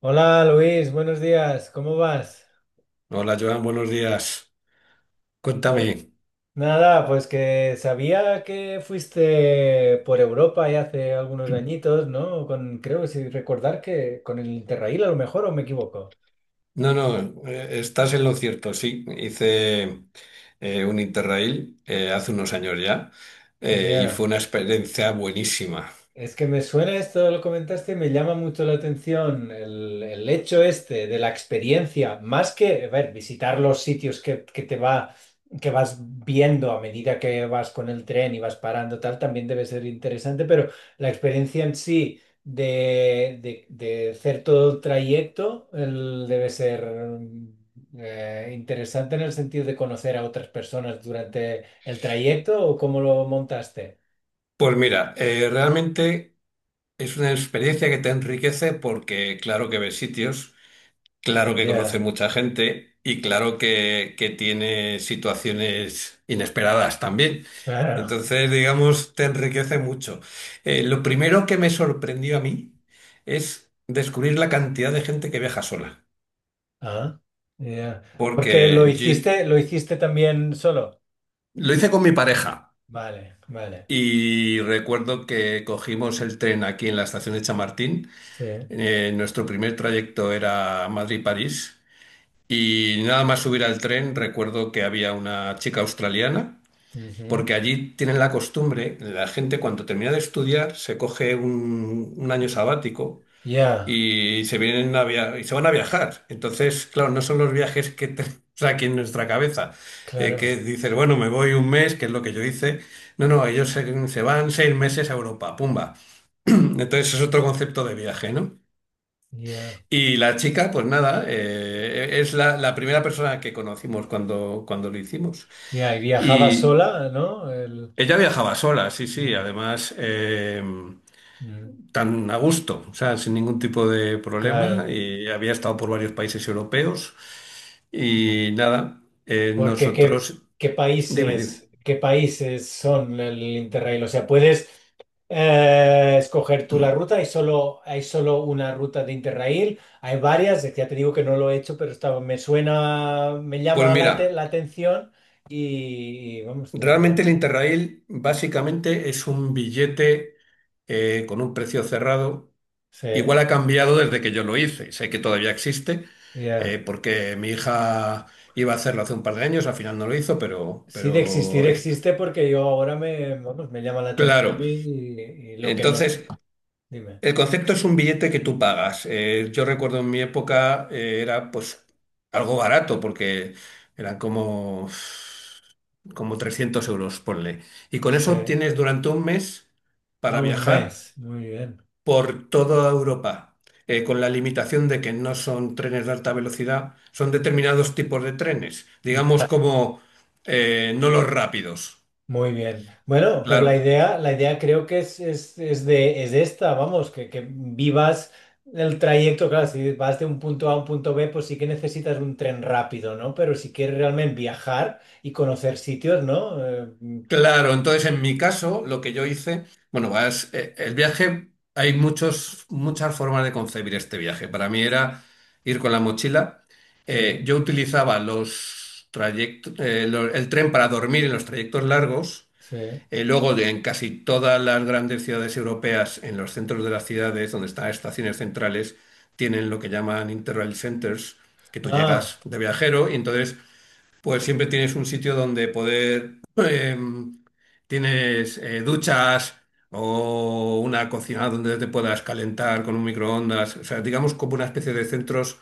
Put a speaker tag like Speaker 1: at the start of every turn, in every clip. Speaker 1: Hola Luis, buenos días, ¿cómo vas?
Speaker 2: Hola Joan, buenos días. Cuéntame.
Speaker 1: Nada, pues que sabía que fuiste por Europa ya hace algunos añitos, ¿no? Con, creo, si recordar que con el Interrail a lo mejor, ¿o me equivoco?
Speaker 2: No, no, estás en lo cierto, sí. Hice un Interrail hace unos años ya y fue
Speaker 1: Ya.
Speaker 2: una experiencia buenísima.
Speaker 1: Es que me suena esto, lo comentaste, me llama mucho la atención el hecho este de la experiencia, más que, a ver, visitar los sitios que te va, que vas viendo a medida que vas con el tren y vas parando, tal, también debe ser interesante, pero la experiencia en sí de hacer todo el trayecto debe ser interesante en el sentido de conocer a otras personas durante el trayecto o cómo lo montaste.
Speaker 2: Pues mira, realmente es una experiencia que te enriquece porque claro que ves sitios. Claro que conoce
Speaker 1: Ya,
Speaker 2: mucha gente y claro que tiene situaciones inesperadas también.
Speaker 1: claro.
Speaker 2: Entonces, digamos, te enriquece mucho. Lo primero que me sorprendió a mí es descubrir la cantidad de gente que viaja sola.
Speaker 1: Ah, ya. Porque
Speaker 2: Porque
Speaker 1: lo hiciste también solo.
Speaker 2: lo hice con mi pareja
Speaker 1: Vale, vale.
Speaker 2: y recuerdo que cogimos el tren aquí en la estación de Chamartín.
Speaker 1: Sí.
Speaker 2: Nuestro primer trayecto era Madrid-París. Y nada más subir al tren, recuerdo que había una chica australiana,
Speaker 1: Ujú.
Speaker 2: porque allí tienen la costumbre, la gente cuando termina de estudiar se coge un año sabático
Speaker 1: Ya,
Speaker 2: y se vienen a via- y se van a viajar. Entonces, claro, no son los viajes que tenemos aquí en nuestra cabeza, que
Speaker 1: claro.
Speaker 2: dices, bueno, me voy un mes, que es lo que yo hice. No, no, ellos se van 6 meses a Europa, pumba. Entonces es otro concepto de viaje, ¿no?
Speaker 1: Ya.
Speaker 2: Y la chica, pues nada, es la primera persona que conocimos cuando, cuando lo hicimos.
Speaker 1: Ya, y viajaba
Speaker 2: Y
Speaker 1: sola, ¿no?
Speaker 2: ella viajaba sola, sí, sí,
Speaker 1: Ya.
Speaker 2: además
Speaker 1: Mm.
Speaker 2: tan a gusto, o sea, sin ningún tipo de problema.
Speaker 1: Claro.
Speaker 2: Y había estado por varios países europeos. Y nada,
Speaker 1: Porque qué,
Speaker 2: nosotros,
Speaker 1: qué
Speaker 2: dime, dime.
Speaker 1: países, qué países son el Interrail. O sea, puedes escoger tú la ruta. Hay solo una ruta de Interrail. Hay varias. Ya te digo que no lo he hecho, pero me suena, me
Speaker 2: Pues
Speaker 1: llama
Speaker 2: mira,
Speaker 1: la atención. Y, vamos,
Speaker 2: realmente
Speaker 1: tengo.
Speaker 2: el Interrail básicamente es un billete con un precio cerrado.
Speaker 1: Sí,
Speaker 2: Igual ha cambiado desde que yo lo hice. Sé que todavía existe,
Speaker 1: ya.
Speaker 2: porque mi hija iba a hacerlo hace un par de años, al final no lo hizo, pero,
Speaker 1: Sí, de existir
Speaker 2: pero
Speaker 1: existe porque yo ahora me, vamos, me llama la atención
Speaker 2: claro.
Speaker 1: y lo que no es.
Speaker 2: Entonces,
Speaker 1: Dime.
Speaker 2: el concepto es un billete que tú pagas. Yo recuerdo en mi época era pues algo barato, porque eran como 300 euros, ponle. Y con
Speaker 1: Sí.
Speaker 2: eso tienes durante un mes
Speaker 1: A
Speaker 2: para
Speaker 1: un
Speaker 2: viajar
Speaker 1: mes. Muy bien.
Speaker 2: por toda Europa, con la limitación de que no son trenes de alta velocidad, son determinados tipos de trenes, digamos
Speaker 1: Ya.
Speaker 2: como no los rápidos.
Speaker 1: Muy bien. Bueno, pero la
Speaker 2: Claro,
Speaker 1: idea, la idea creo que es esta, vamos, que vivas el trayecto, claro, si vas de un punto A a un punto B, pues sí que necesitas un tren rápido, ¿no? Pero si quieres realmente viajar y conocer sitios, ¿no?
Speaker 2: claro. Entonces, en mi caso, lo que yo hice, bueno, vas, el viaje, hay muchos, muchas formas de concebir este viaje. Para mí era ir con la mochila.
Speaker 1: Sí,
Speaker 2: Yo utilizaba los trayectos, el tren para dormir en los trayectos largos.
Speaker 1: sí.
Speaker 2: Luego, en casi todas las grandes ciudades europeas, en los centros de las ciudades, donde están estaciones centrales, tienen lo que llaman Interrail Centers, que tú
Speaker 1: Ah,
Speaker 2: llegas de viajero y entonces, pues siempre tienes un sitio donde poder, tienes duchas o una cocina donde te puedas calentar con un microondas, o sea, digamos como una especie de centros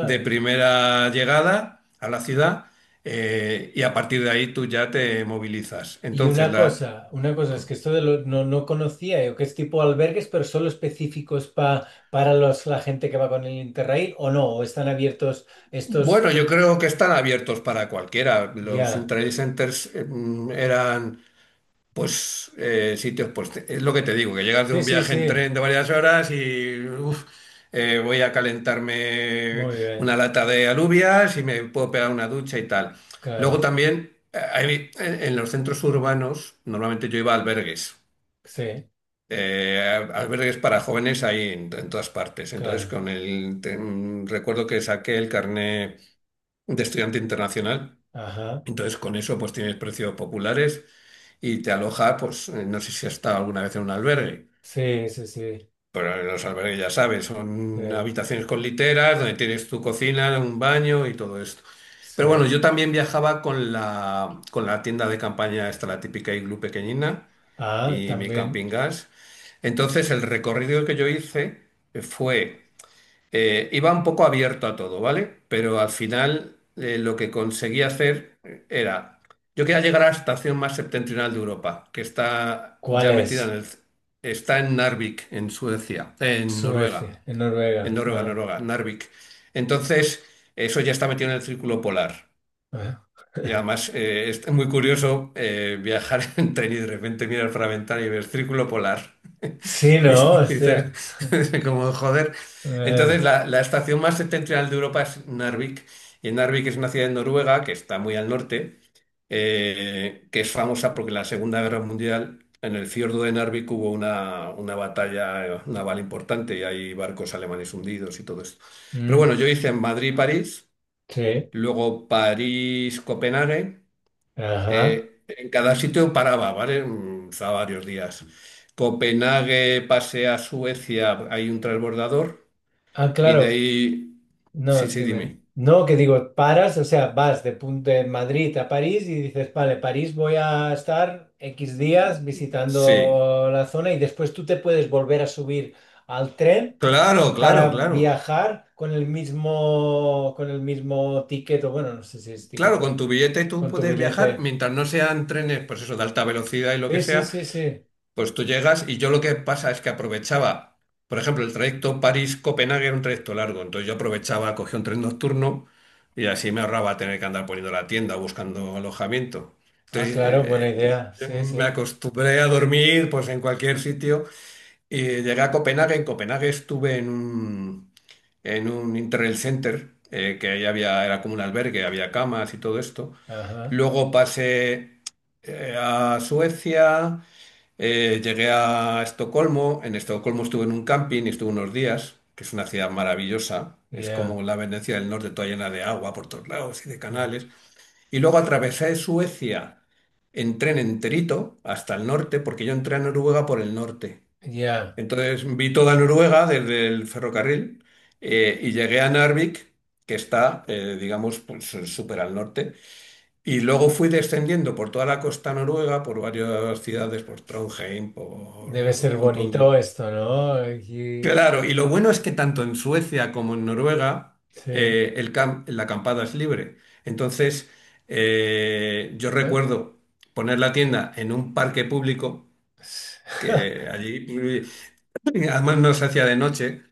Speaker 2: de primera llegada a la ciudad y a partir de ahí tú ya te movilizas.
Speaker 1: Y una cosa, una cosa, es que esto de lo, no, no conocía yo, que es tipo albergues, pero solo específicos para la gente que va con el Interrail, ¿o no? ¿O están abiertos estos?
Speaker 2: Bueno, yo creo que están abiertos para cualquiera. Los
Speaker 1: Ya.
Speaker 2: intraday centers eran, pues, sitios, pues, es lo que te digo, que llegas de
Speaker 1: Sí,
Speaker 2: un
Speaker 1: sí,
Speaker 2: viaje en
Speaker 1: sí.
Speaker 2: tren de varias horas y, uf, voy a calentarme
Speaker 1: Muy bien.
Speaker 2: una lata de alubias y me puedo pegar una ducha y tal. Luego
Speaker 1: Claro.
Speaker 2: también, en los centros urbanos, normalmente yo iba a albergues.
Speaker 1: Sí,
Speaker 2: eh, albergues para jóvenes ahí en todas partes. Entonces,
Speaker 1: claro.
Speaker 2: con el, te- mm, recuerdo que saqué el carné de estudiante internacional.
Speaker 1: Ajá.
Speaker 2: Entonces, con eso, pues tienes precios populares y te aloja, pues no sé si has estado alguna vez en un albergue,
Speaker 1: Sí, sí, sí.
Speaker 2: pero en los albergues ya sabes,
Speaker 1: Sí,
Speaker 2: son habitaciones con literas, donde tienes tu cocina, un baño y todo esto. Pero bueno,
Speaker 1: sí.
Speaker 2: yo también viajaba con la tienda de campaña, esta la típica iglú pequeñina
Speaker 1: Ah,
Speaker 2: y mi
Speaker 1: también.
Speaker 2: camping gas. Entonces, el recorrido que yo hice fue iba un poco abierto a todo, ¿vale? Pero al final lo que conseguía hacer era, yo quería llegar a la estación más septentrional de Europa, que está
Speaker 1: ¿Cuál
Speaker 2: ya metida
Speaker 1: es?
Speaker 2: está en Narvik, en Suecia, en Noruega,
Speaker 1: Suecia, en Noruega. Ah,
Speaker 2: Noruega, Narvik. Entonces, eso ya está metido en el Círculo Polar.
Speaker 1: ah.
Speaker 2: Y además es muy curioso viajar en tren y de repente mirar por la ventana y ver Círculo Polar.
Speaker 1: Sí,
Speaker 2: Y
Speaker 1: ¿no? O
Speaker 2: dices,
Speaker 1: sea.
Speaker 2: como joder.
Speaker 1: eh,
Speaker 2: Entonces, la estación más septentrional de Europa es Narvik. Y Narvik es una ciudad en Noruega que está muy al norte, que es famosa porque en la Segunda Guerra Mundial, en el fiordo de Narvik hubo una batalla naval importante y hay barcos alemanes hundidos y todo esto. Pero
Speaker 1: mm,
Speaker 2: bueno, yo hice en Madrid-París,
Speaker 1: sí.
Speaker 2: luego París-Copenhague.
Speaker 1: Ajá.
Speaker 2: En cada sitio paraba, ¿vale? Estaba varios días. Copenhague, pasé a Suecia, hay un transbordador.
Speaker 1: Ah,
Speaker 2: Y de
Speaker 1: claro.
Speaker 2: ahí.
Speaker 1: No,
Speaker 2: Sí, sí,
Speaker 1: dime.
Speaker 2: dime.
Speaker 1: No, que digo, paras, o sea, vas de, de Madrid a París y dices, vale, París voy a estar X días
Speaker 2: Sí.
Speaker 1: visitando la zona y después tú te puedes volver a subir al tren
Speaker 2: Claro, claro,
Speaker 1: para
Speaker 2: claro.
Speaker 1: viajar con el mismo, ticket, o bueno, no sé si es ticket
Speaker 2: Claro, con
Speaker 1: o
Speaker 2: tu billete tú
Speaker 1: con tu
Speaker 2: puedes viajar
Speaker 1: billete.
Speaker 2: mientras no sean trenes, pues eso, de alta velocidad y lo que
Speaker 1: Sí, sí,
Speaker 2: sea.
Speaker 1: sí, sí.
Speaker 2: Pues tú llegas y yo lo que pasa es que aprovechaba, por ejemplo, el trayecto París-Copenhague era un trayecto largo, entonces yo aprovechaba, cogía un tren nocturno y así me ahorraba tener que andar poniendo la tienda, buscando alojamiento.
Speaker 1: Ah,
Speaker 2: Entonces
Speaker 1: claro, buena idea. Sí,
Speaker 2: me
Speaker 1: sí.
Speaker 2: acostumbré a dormir pues en cualquier sitio y llegué a Copenhague. En Copenhague estuve en un Interrail Center, que ahí había, era como un albergue, había camas y todo esto.
Speaker 1: Ajá.
Speaker 2: Luego pasé a Suecia. Llegué a Estocolmo, en Estocolmo estuve en un camping y estuve unos días, que es una ciudad maravillosa, es como
Speaker 1: Ya.
Speaker 2: la Venecia del Norte, toda llena de agua por todos lados y de
Speaker 1: ah,
Speaker 2: canales. Y luego atravesé Suecia en tren enterito hasta el norte, porque yo entré a Noruega por el norte.
Speaker 1: Ya.
Speaker 2: Entonces vi toda Noruega desde el ferrocarril y llegué a Narvik, que está, digamos, pues, súper al norte. Y luego fui descendiendo por toda la costa noruega, por varias ciudades, por Trondheim, por
Speaker 1: Debe ser
Speaker 2: un montón de...
Speaker 1: bonito esto, ¿no?
Speaker 2: Claro, y lo bueno es que tanto en Suecia como en Noruega
Speaker 1: Sí.
Speaker 2: la acampada es libre. Entonces, yo
Speaker 1: ¿Eh?
Speaker 2: recuerdo poner la tienda en un parque público, que allí, además no se hacía de noche,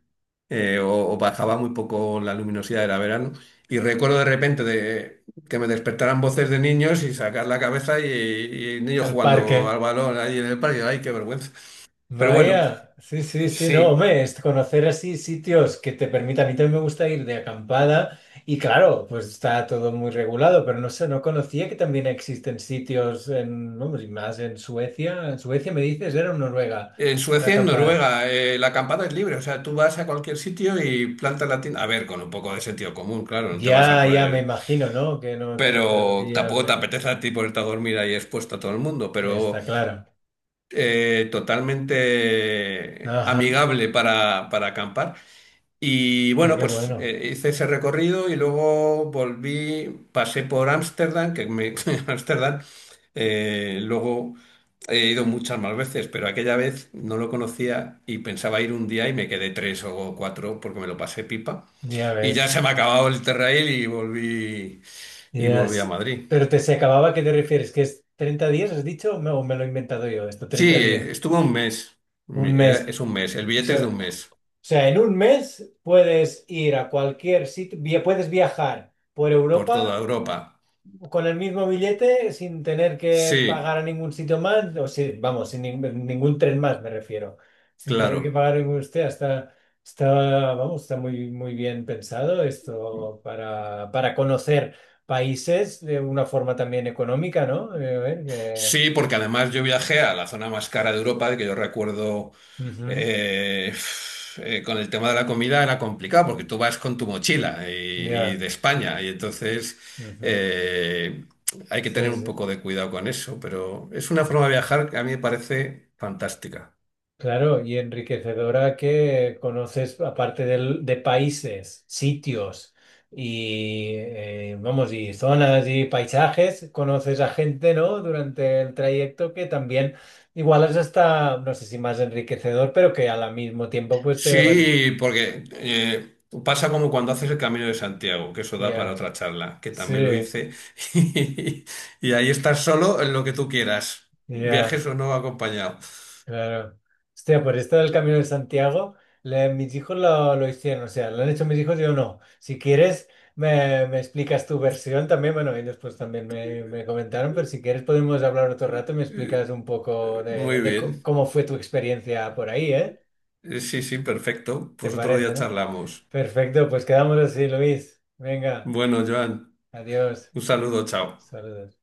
Speaker 2: o bajaba muy poco la luminosidad, era verano. Y recuerdo de repente que me despertaran voces de niños y sacar la cabeza y niños
Speaker 1: el parque.
Speaker 2: jugando al balón ahí en el parque. ¡Ay, qué vergüenza! Pero bueno,
Speaker 1: Vaya, sí, sí, sí, no,
Speaker 2: sí.
Speaker 1: hombre, es conocer así sitios que te permitan. A mí también me gusta ir de acampada y claro, pues está todo muy regulado, pero no sé, no conocía que también existen sitios en, vamos, y más en Suecia. En Suecia me dices, era en Noruega,
Speaker 2: En
Speaker 1: en la
Speaker 2: Suecia y en
Speaker 1: acampada.
Speaker 2: Noruega, la acampada es libre, o sea, tú vas a cualquier sitio y plantas la tienda. A ver, con un poco de sentido común, claro, no te vas a
Speaker 1: Ya, ya me
Speaker 2: poner.
Speaker 1: imagino, ¿no? Que no te encuentras
Speaker 2: Pero
Speaker 1: ahí al
Speaker 2: tampoco te
Speaker 1: medio.
Speaker 2: apetece a ti ponerte a dormir ahí expuesto a todo el mundo, pero
Speaker 1: Está claro.
Speaker 2: totalmente
Speaker 1: Ajá, o
Speaker 2: amigable para acampar. Y
Speaker 1: sea,
Speaker 2: bueno,
Speaker 1: qué
Speaker 2: pues
Speaker 1: bueno,
Speaker 2: hice ese recorrido y luego volví, pasé por Ámsterdam, Ámsterdam, luego he ido muchas más veces, pero aquella vez no lo conocía y pensaba ir un día y me quedé tres o cuatro porque me lo pasé pipa.
Speaker 1: ya
Speaker 2: Y ya se
Speaker 1: ves.
Speaker 2: me ha acabado el Terrail y
Speaker 1: Ya,
Speaker 2: volví a
Speaker 1: sí.
Speaker 2: Madrid.
Speaker 1: Pero te se acababa, ¿a qué te refieres? ¿Que es 30 días, has dicho? ¿O me lo he inventado yo? Esto,
Speaker 2: Sí,
Speaker 1: 30 días.
Speaker 2: estuve un mes.
Speaker 1: Un mes.
Speaker 2: Es un mes, el
Speaker 1: O
Speaker 2: billete es de
Speaker 1: sea,
Speaker 2: un
Speaker 1: o
Speaker 2: mes,
Speaker 1: sea, en un mes puedes ir a cualquier sitio, puedes viajar por
Speaker 2: por toda
Speaker 1: Europa
Speaker 2: Europa.
Speaker 1: con el mismo billete, sin tener que
Speaker 2: Sí,
Speaker 1: pagar a ningún sitio más, o sí, vamos, sin ningún tren más, me refiero. Sin tener que
Speaker 2: claro.
Speaker 1: pagar ningún usted, está, está muy, muy bien pensado esto para conocer países de una forma también económica, ¿no? A ver.
Speaker 2: Sí, porque además yo viajé a la zona más cara de Europa, de que yo recuerdo
Speaker 1: Ujú.
Speaker 2: eh, con el tema de la comida era complicado, porque tú vas con tu mochila y
Speaker 1: Ya.
Speaker 2: de España, y entonces
Speaker 1: Ujú.
Speaker 2: eh, hay que tener un
Speaker 1: Sí,
Speaker 2: poco de cuidado con eso, pero es una
Speaker 1: sí.
Speaker 2: forma de viajar que a mí me parece fantástica.
Speaker 1: Claro, y enriquecedora que conoces, aparte de países, sitios y, vamos, y zonas y paisajes, conoces a gente, ¿no? Durante el trayecto que también igual es hasta, no sé si más enriquecedor, pero que al mismo tiempo pues te vas...
Speaker 2: Sí, porque pasa como cuando haces el Camino de Santiago, que eso da para
Speaker 1: Ya.
Speaker 2: otra charla, que también lo
Speaker 1: Sí,
Speaker 2: hice, y, ahí estás solo en lo que tú quieras,
Speaker 1: ya.
Speaker 2: viajes o no acompañado.
Speaker 1: Claro. Hostia, por esto del Camino de Santiago, mis hijos lo hicieron, o sea, lo han hecho mis hijos, yo no. Si quieres, me explicas tu versión también, bueno, y después también me comentaron, pero si quieres podemos hablar otro rato y me
Speaker 2: Eh,
Speaker 1: explicas un poco de,
Speaker 2: Muy
Speaker 1: de co-
Speaker 2: bien.
Speaker 1: cómo fue tu experiencia por ahí, ¿eh?
Speaker 2: Sí, sí, perfecto,
Speaker 1: ¿Te
Speaker 2: pues otro día
Speaker 1: parece, no?
Speaker 2: charlamos.
Speaker 1: Perfecto, pues quedamos así, Luis. Venga,
Speaker 2: Bueno, Joan,
Speaker 1: adiós.
Speaker 2: un saludo, chao.
Speaker 1: Saludos.